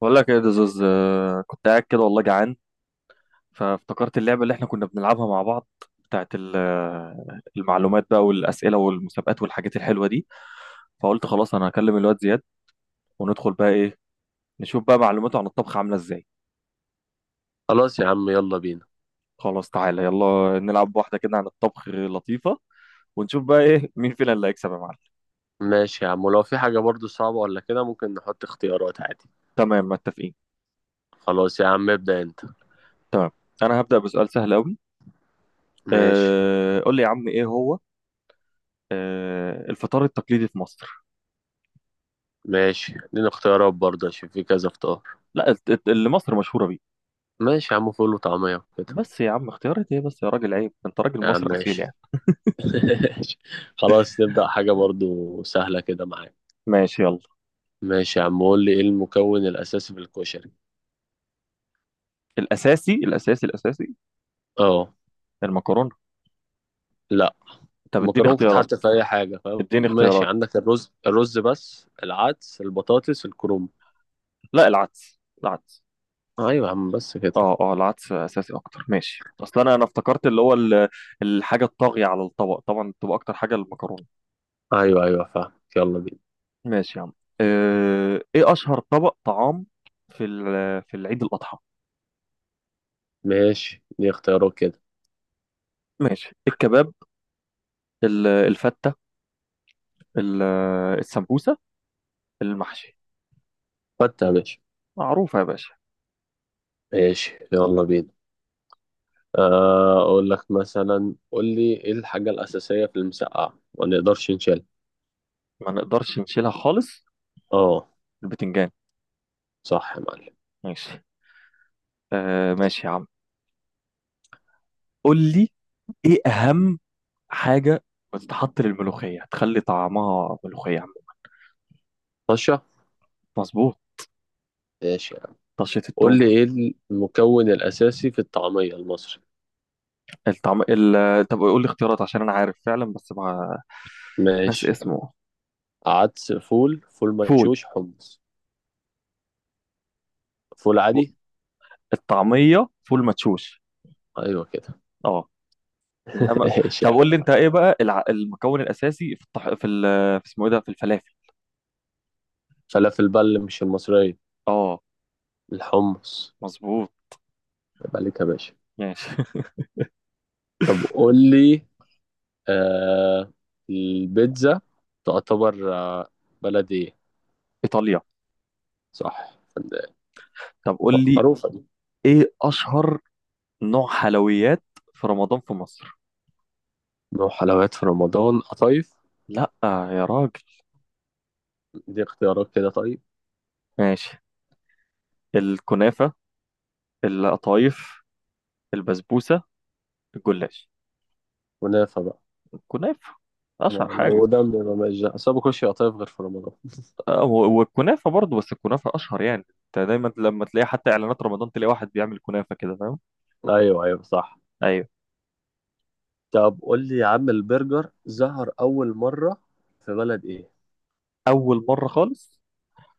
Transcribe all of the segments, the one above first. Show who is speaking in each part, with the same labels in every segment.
Speaker 1: بقول لك ايه يا دزوز، كنت قاعد كده والله جعان. فافتكرت اللعبه اللي احنا كنا بنلعبها مع بعض بتاعت المعلومات بقى والاسئله والمسابقات والحاجات الحلوه دي. فقلت خلاص انا هكلم الواد زياد، وندخل بقى ايه، نشوف بقى معلوماته عن الطبخ عامله ازاي.
Speaker 2: خلاص يا عم يلا بينا.
Speaker 1: خلاص تعالى يلا نلعب واحده كده عن الطبخ لطيفه، ونشوف بقى ايه مين فينا اللي هيكسب يا معلم.
Speaker 2: ماشي يا عم، ولو في حاجة برضو صعبة ولا كده ممكن نحط اختيارات عادي.
Speaker 1: تمام، متفقين.
Speaker 2: خلاص يا عم ابدأ انت.
Speaker 1: تمام. انا هبدا بسؤال سهل قوي.
Speaker 2: ماشي.
Speaker 1: قول لي يا عم، ايه هو الفطار التقليدي في مصر؟
Speaker 2: ماشي اديني اختيارات برضه عشان في كذا اختيار.
Speaker 1: لا، اللي مصر مشهوره بيه.
Speaker 2: ماشي يا عم، فول وطعمية وكده.
Speaker 1: بس يا عم، اختيارات ايه بس يا راجل، عيب، انت راجل
Speaker 2: يا عم
Speaker 1: مصري اصيل
Speaker 2: ماشي.
Speaker 1: يعني.
Speaker 2: ماشي. خلاص نبدأ حاجة برضو سهلة كده معاك.
Speaker 1: ماشي يلا.
Speaker 2: ماشي يا عم، قول لي ايه المكون الأساسي في الكشري.
Speaker 1: الاساسي، الاساسي، الاساسي.
Speaker 2: اه.
Speaker 1: المكرونه.
Speaker 2: لا،
Speaker 1: طب اديني
Speaker 2: المكرونة ممكن
Speaker 1: اختيارات.
Speaker 2: تتحط في أي حاجة فاهم،
Speaker 1: اديني
Speaker 2: ماشي،
Speaker 1: اختيارات.
Speaker 2: عندك الرز بس، العدس، البطاطس، الكرنب.
Speaker 1: لا، العدس العدس.
Speaker 2: ايوه يا عم بس كده.
Speaker 1: اه، اه، العدس اساسي اكتر، ماشي، اصل انا افتكرت اللي هو الحاجه الطاغيه على الطبق طبعا بتبقى اكتر حاجه المكرونه.
Speaker 2: ايوه ايوه فاهم، يلا بينا.
Speaker 1: ماشي يا عم. اه، ايه اشهر طبق طعام في العيد الاضحى؟
Speaker 2: ماشي دي اختيارات كده.
Speaker 1: ماشي، الكباب، الفته، ال- السمبوسه، المحشي.
Speaker 2: فتة ماشي.
Speaker 1: معروفه يا باشا.
Speaker 2: ماشي يلا بينا. اقول لك مثلا، قول لي ايه الحاجة الأساسية في المسقعة ما نقدرش نشيلها.
Speaker 1: ما نقدرش نشيلها خالص.
Speaker 2: اه.
Speaker 1: البتنجان.
Speaker 2: صح يا معلم.
Speaker 1: ماشي. ماشي يا عم، قول لي ايه اهم حاجة بتتحط للملوخية تخلي طعمها ملوخية عم.
Speaker 2: طشة.
Speaker 1: مظبوط.
Speaker 2: ماشي يا عم.
Speaker 1: طشة
Speaker 2: قول
Speaker 1: التوم.
Speaker 2: لي ايه المكون الأساسي في الطعمية المصري.
Speaker 1: طب قول لي اختيارات عشان انا عارف فعلا، بس مع ناس
Speaker 2: ماشي.
Speaker 1: اسمه.
Speaker 2: عدس، فول، فول
Speaker 1: فول،
Speaker 2: مدشوش، حمص. فول
Speaker 1: فول.
Speaker 2: عادي.
Speaker 1: الطعمية فول مدشوش.
Speaker 2: ايوه كده.
Speaker 1: اه، انما.
Speaker 2: ماشي
Speaker 1: طب
Speaker 2: يا عم.
Speaker 1: قول لي انت ايه بقى المكون الاساسي في في اسمه ايه ده في الفلافل؟
Speaker 2: فلافل بل مش المصرية.
Speaker 1: اه.
Speaker 2: الحمص.
Speaker 1: مظبوط.
Speaker 2: يبقى ليك يا باشا.
Speaker 1: ماشي
Speaker 2: طب قول لي، آه، البيتزا تعتبر بلدي؟
Speaker 1: ايطاليا.
Speaker 2: صح فندق.
Speaker 1: طب قول لي
Speaker 2: معروفة دي.
Speaker 1: ايه اشهر نوع حلويات في رمضان في مصر؟
Speaker 2: نوع حلويات في رمضان؟ قطايف.
Speaker 1: لا يا راجل.
Speaker 2: دي اختيارات كده طيب.
Speaker 1: ماشي، الكنافة، القطايف، البسبوسة، الجلاش.
Speaker 2: ونافة بقى.
Speaker 1: الكنافة أشهر حاجة.
Speaker 2: لو ده ما ماشي، أصل أنا ما باكلش قطايف غير في رمضان.
Speaker 1: والكنافة برضو، بس الكنافة أشهر يعني، أنت دايما لما تلاقي حتى إعلانات رمضان تلاقي واحد بيعمل كنافة كده، فاهم؟
Speaker 2: أيوه أيوه صح.
Speaker 1: أيوه.
Speaker 2: طب قول لي يا عم، البرجر ظهر أول مرة في بلد إيه؟
Speaker 1: أول مرة خالص.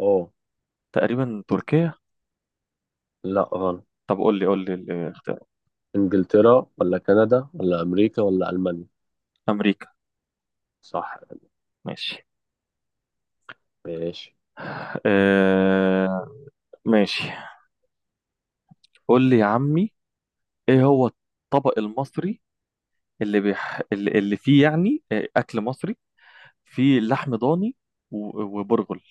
Speaker 2: أوه.
Speaker 1: تقريبا تركيا.
Speaker 2: لا غلط.
Speaker 1: طب قول لي الاختيار.
Speaker 2: إنجلترا ولا كندا ولا أمريكا ولا ألمانيا؟
Speaker 1: أمريكا.
Speaker 2: صح.
Speaker 1: ماشي.
Speaker 2: ماشي.
Speaker 1: آه ماشي. قول لي يا عمي، إيه هو الطبق المصري اللي بيح... اللي اللي فيه يعني أكل مصري في لحم ضاني وبرغل.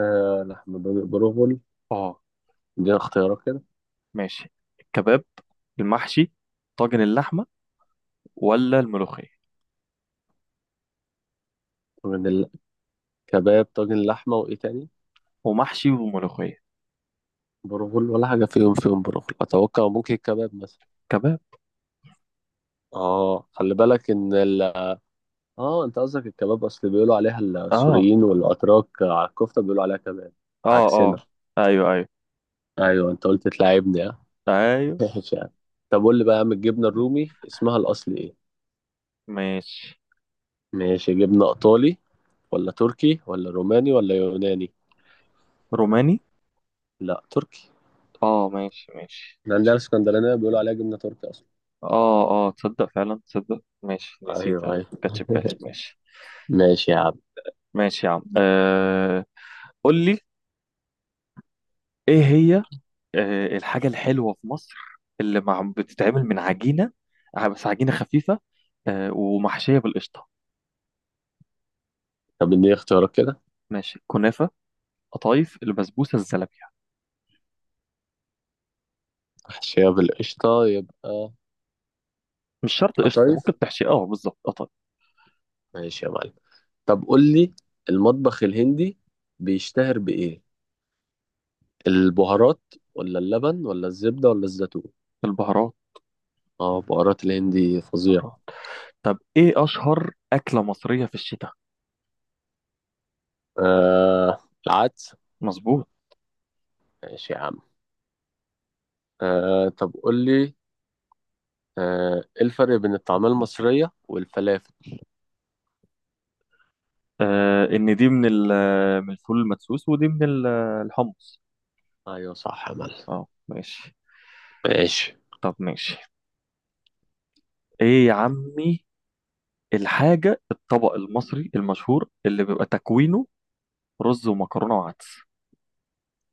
Speaker 2: آه لحم بروفول.
Speaker 1: اه،
Speaker 2: دي اختيارات كده.
Speaker 1: ماشي، الكباب، المحشي، طاجن اللحمة، ولا الملوخية.
Speaker 2: من كباب، طاجن لحمة، وإيه تاني؟
Speaker 1: ومحشي وملوخية.
Speaker 2: برغل ولا حاجة فيهم برغل أتوقع، ممكن الكباب مثلا.
Speaker 1: كباب.
Speaker 2: آه خلي بالك إن آه، أنت قصدك الكباب، أصل بيقولوا عليها
Speaker 1: اه،
Speaker 2: السوريين والأتراك، على الكفتة بيقولوا عليها كباب.
Speaker 1: اه،
Speaker 2: عكسنا.
Speaker 1: اه. ايوه، ايوه،
Speaker 2: أيوه أنت قلت تلاعبني، ها؟
Speaker 1: ايوه.
Speaker 2: ماشي يا عم. طب قول لي بقى يا عم، الجبنة الرومي اسمها الأصلي إيه؟
Speaker 1: ماشي.
Speaker 2: ماشي، جبنة إيطالي ولا تركي ولا روماني ولا يوناني؟
Speaker 1: روماني.
Speaker 2: لا تركي.
Speaker 1: اه، ماشي، ماشي،
Speaker 2: إحنا عندنا
Speaker 1: ماشي.
Speaker 2: الإسكندرانية بيقولوا عليها جبنة تركي أصلا.
Speaker 1: اه، اه، تصدق فعلا، تصدق، ماشي، نسيتها
Speaker 2: أيوه أيوه.
Speaker 1: ما كانتش في بالي، ماشي.
Speaker 2: ماشي يا عم.
Speaker 1: ماشي يا عم. قول لي، ايه هي الحاجة الحلوة في مصر اللي مع بتتعمل من عجينة، بس عجينة خفيفة، ومحشية بالقشطة.
Speaker 2: طب إديني اختيارات كده.
Speaker 1: ماشي، كنافة، قطايف، البسبوسة، الزلابية.
Speaker 2: محشية بالقشطة يبقى
Speaker 1: مش شرط قشطة،
Speaker 2: قطايف.
Speaker 1: ممكن تحشي بالظبط قطايف.
Speaker 2: ماشي يا معلم. طب قول لي، المطبخ الهندي بيشتهر بإيه؟ البهارات ولا اللبن ولا الزبدة ولا الزيتون؟
Speaker 1: البهارات.
Speaker 2: اه، بهارات الهندي فظيعة.
Speaker 1: بهارات. طب ايه أشهر أكلة مصرية في الشتاء؟
Speaker 2: آه العدس.
Speaker 1: مظبوط.
Speaker 2: ماشي يا عم. آه طب قول لي، آه ايه الفرق بين الطعمية المصرية والفلافل؟
Speaker 1: إن دي من من الفول المدسوس، ودي من الحمص.
Speaker 2: ايوه صح يا معلم.
Speaker 1: اه، ماشي.
Speaker 2: ماشي.
Speaker 1: طب ماشي. ايه يا عمي، الطبق المصري المشهور اللي بيبقى تكوينه رز ومكرونة وعدس؟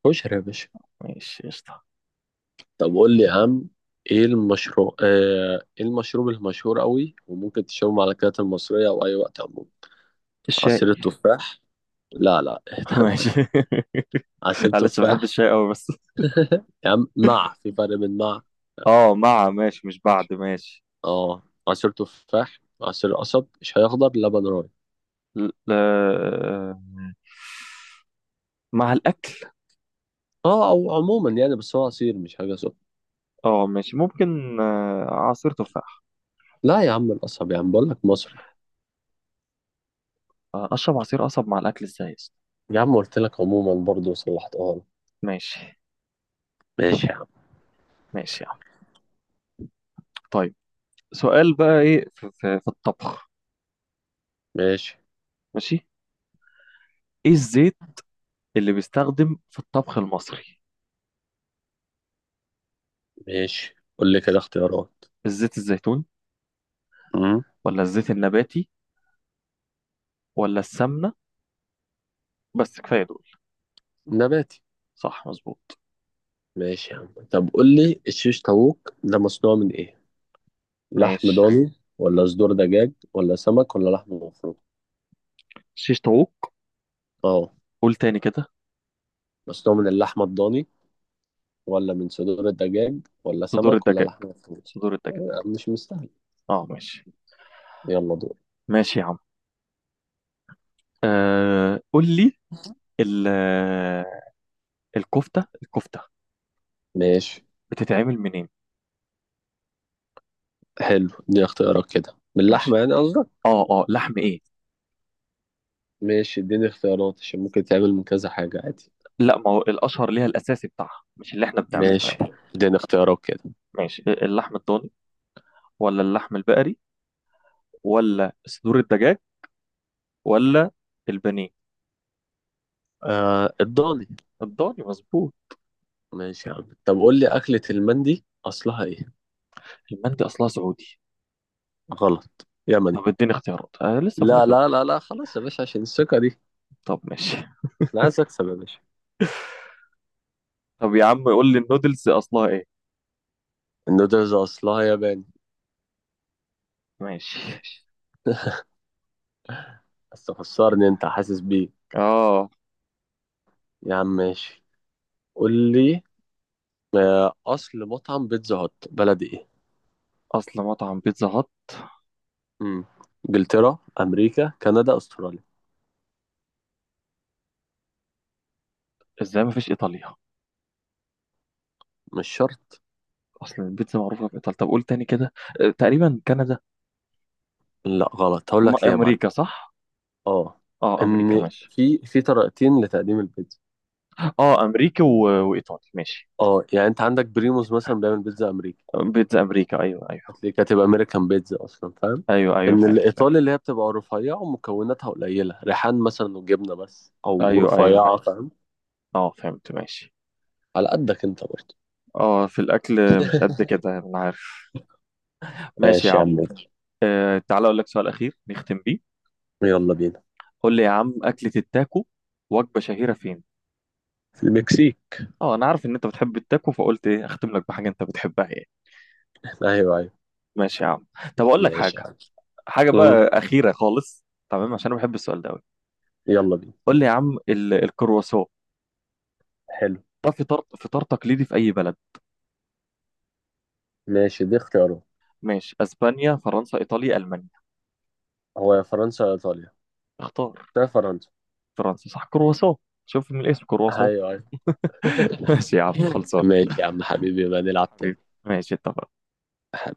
Speaker 2: كشري يا باشا.
Speaker 1: ماشي قشطة.
Speaker 2: طب قول لي يا عم، ايه المشروع آه، ايه المشروب المشهور قوي وممكن تشربه مع الاكلات المصرية او اي وقت عموما؟
Speaker 1: الشاي.
Speaker 2: عصير التفاح. لا لا اهتم.
Speaker 1: ماشي.
Speaker 2: عصير
Speaker 1: معلش، بحب
Speaker 2: تفاح.
Speaker 1: الشاي قوي بس.
Speaker 2: يا عم مع، في فرق بين مع.
Speaker 1: اه، مع، ماشي، مش بعد، ماشي.
Speaker 2: اه. عصير تفاح، عصير قصب، شاي اخضر، لبن راي.
Speaker 1: ل... آه، مع الأكل.
Speaker 2: اه او عموما يعني، بس هو عصير مش حاجة سخنة.
Speaker 1: اه، ماشي، ممكن عصير تفاح.
Speaker 2: لا يا عم، القصب يا عم بقول لك مصري.
Speaker 1: أشرب عصير قصب مع الأكل ازاي يا اسطى؟
Speaker 2: يا عم قلت لك عموما برضه، صلحتها لك.
Speaker 1: ماشي.
Speaker 2: ماشي يا عم.
Speaker 1: ماشي يا عم. طيب. سؤال بقى ايه في الطبخ.
Speaker 2: ماشي.
Speaker 1: ماشي. ايه الزيت اللي بيستخدم في الطبخ المصري؟
Speaker 2: ماشي قول لي كده اختيارات.
Speaker 1: الزيت الزيتون،
Speaker 2: مم.
Speaker 1: ولا الزيت النباتي، ولا السمنة، بس كفاية دول.
Speaker 2: نباتي.
Speaker 1: صح مظبوط.
Speaker 2: ماشي يا عم، طب قول لي الشيش طاووق ده مصنوع من ايه؟ لحم
Speaker 1: ماشي.
Speaker 2: ضاني ولا صدور دجاج ولا سمك ولا لحم مفروم؟
Speaker 1: شيش طاووق.
Speaker 2: اه.
Speaker 1: قول تاني كده.
Speaker 2: مصنوع من اللحمة الضاني، ولا من صدور الدجاج ولا
Speaker 1: صدور
Speaker 2: سمك ولا
Speaker 1: الدجاج،
Speaker 2: لحم مفروم؟
Speaker 1: صدور الدجاج.
Speaker 2: آه، مش مستاهل.
Speaker 1: اه، ماشي.
Speaker 2: يلا دور.
Speaker 1: ماشي يا عم. قول لي، ال- الكفتة
Speaker 2: ماشي.
Speaker 1: بتتعمل منين؟
Speaker 2: حلو، اديني اختيارات كده. من
Speaker 1: ماشي.
Speaker 2: اللحمة يعني قصدك؟
Speaker 1: اه، اه، لحم ايه.
Speaker 2: ماشي. اديني اختيارات عشان ممكن تعمل من كذا حاجة عادي.
Speaker 1: لا، ما هو الاشهر ليها الاساسي بتاعها مش اللي احنا بنعمله، فاهم؟
Speaker 2: ماشي، اديني اختيارات كده.
Speaker 1: ماشي، اللحم الضاني، ولا اللحم البقري، ولا صدور الدجاج، ولا البانيه.
Speaker 2: آه الضاني.
Speaker 1: الضاني مظبوط.
Speaker 2: ماشي يا عم، طب قول لي أكلة المندي أصلها ايه؟
Speaker 1: المندي اصلها سعودي.
Speaker 2: غلط، يمني.
Speaker 1: طب اديني اختيارات، انا لسه بقول
Speaker 2: لا
Speaker 1: لك.
Speaker 2: لا لا لا، خلاص يا باشا عشان الثقة دي.
Speaker 1: طب ماشي.
Speaker 2: أنا عايز أكسب يا باشا.
Speaker 1: طب يا عم، قول لي النودلز اصلها ايه؟
Speaker 2: النودلز أصلها ياباني.
Speaker 1: ماشي.
Speaker 2: بس تخسرني أنت، حاسس بيه.
Speaker 1: اه.
Speaker 2: يا عم ماشي. قول لي، أصل مطعم بيتزا هوت بلد إيه؟
Speaker 1: اصل مطعم بيتزا هات؟
Speaker 2: مم. إنجلترا، أمريكا، كندا، أستراليا.
Speaker 1: ازاي ما فيش ايطاليا؟
Speaker 2: مش شرط.
Speaker 1: اصل البيتزا معروفه في ايطاليا، طب قول تاني كده. تقريبا كندا.
Speaker 2: لا غلط، هقول لك ليه يا معلم.
Speaker 1: امريكا صح.
Speaker 2: أه.
Speaker 1: اه، امريكا،
Speaker 2: إن
Speaker 1: ماشي.
Speaker 2: في طريقتين لتقديم البيتزا.
Speaker 1: اه، امريكا و... وايطالي، ماشي.
Speaker 2: أه يعني أنت عندك بريموز مثلا بيعمل بيتزا أمريكي.
Speaker 1: بيتزا امريكا، ايوه، ايوه.
Speaker 2: هتلاقيك هتبقى امريكان بيتزا اصلا، فاهم؟
Speaker 1: ايوه، ايوه،
Speaker 2: ان
Speaker 1: فاهم، فاهم.
Speaker 2: الايطالي اللي هي بتبقى رفيعه ومكوناتها قليله، ريحان مثلا وجبنه بس، او
Speaker 1: ايوه، ايوه،
Speaker 2: رفيعه،
Speaker 1: ايوه.
Speaker 2: فاهم؟
Speaker 1: اه، فهمت، ماشي.
Speaker 2: على قدك انت برضه.
Speaker 1: اه، في الاكل مش قد كده، انا عارف. ماشي يا
Speaker 2: ماشي يا
Speaker 1: عم.
Speaker 2: عم مدحت.
Speaker 1: تعالى اقول لك سؤال اخير نختم بيه.
Speaker 2: يلا بينا.
Speaker 1: قول لي يا عم، اكله التاكو وجبه شهيره فين؟
Speaker 2: في المكسيك.
Speaker 1: اه انا عارف ان انت بتحب التاكو، فقلت ايه اختم لك بحاجه انت بتحبها يعني.
Speaker 2: ايوه ايوه.
Speaker 1: ماشي يا عم. طب اقول لك حاجه.
Speaker 2: ماشي يا عم.
Speaker 1: حاجه
Speaker 2: مم.
Speaker 1: بقى اخيره خالص. تمام، عشان انا بحب السؤال ده قوي.
Speaker 2: يلا بينا.
Speaker 1: قول لي يا عم الكرواسون.
Speaker 2: حلو.
Speaker 1: ده فطار تقليدي في اي بلد؟
Speaker 2: ماشي دي اختيارات.
Speaker 1: ماشي، اسبانيا، فرنسا، ايطاليا، المانيا.
Speaker 2: هو يا فرنسا يا ايطاليا.
Speaker 1: اختار.
Speaker 2: ده فرنسا.
Speaker 1: فرنسا صح، كرواسون. شوف من الاسم
Speaker 2: ايوه
Speaker 1: كرواسون.
Speaker 2: ايوه.
Speaker 1: ماشي يا عم، خلصان.
Speaker 2: ماشي يا عم حبيبي، بقى نلعب
Speaker 1: حبيبي.
Speaker 2: تاني.
Speaker 1: ماشي اتفقنا.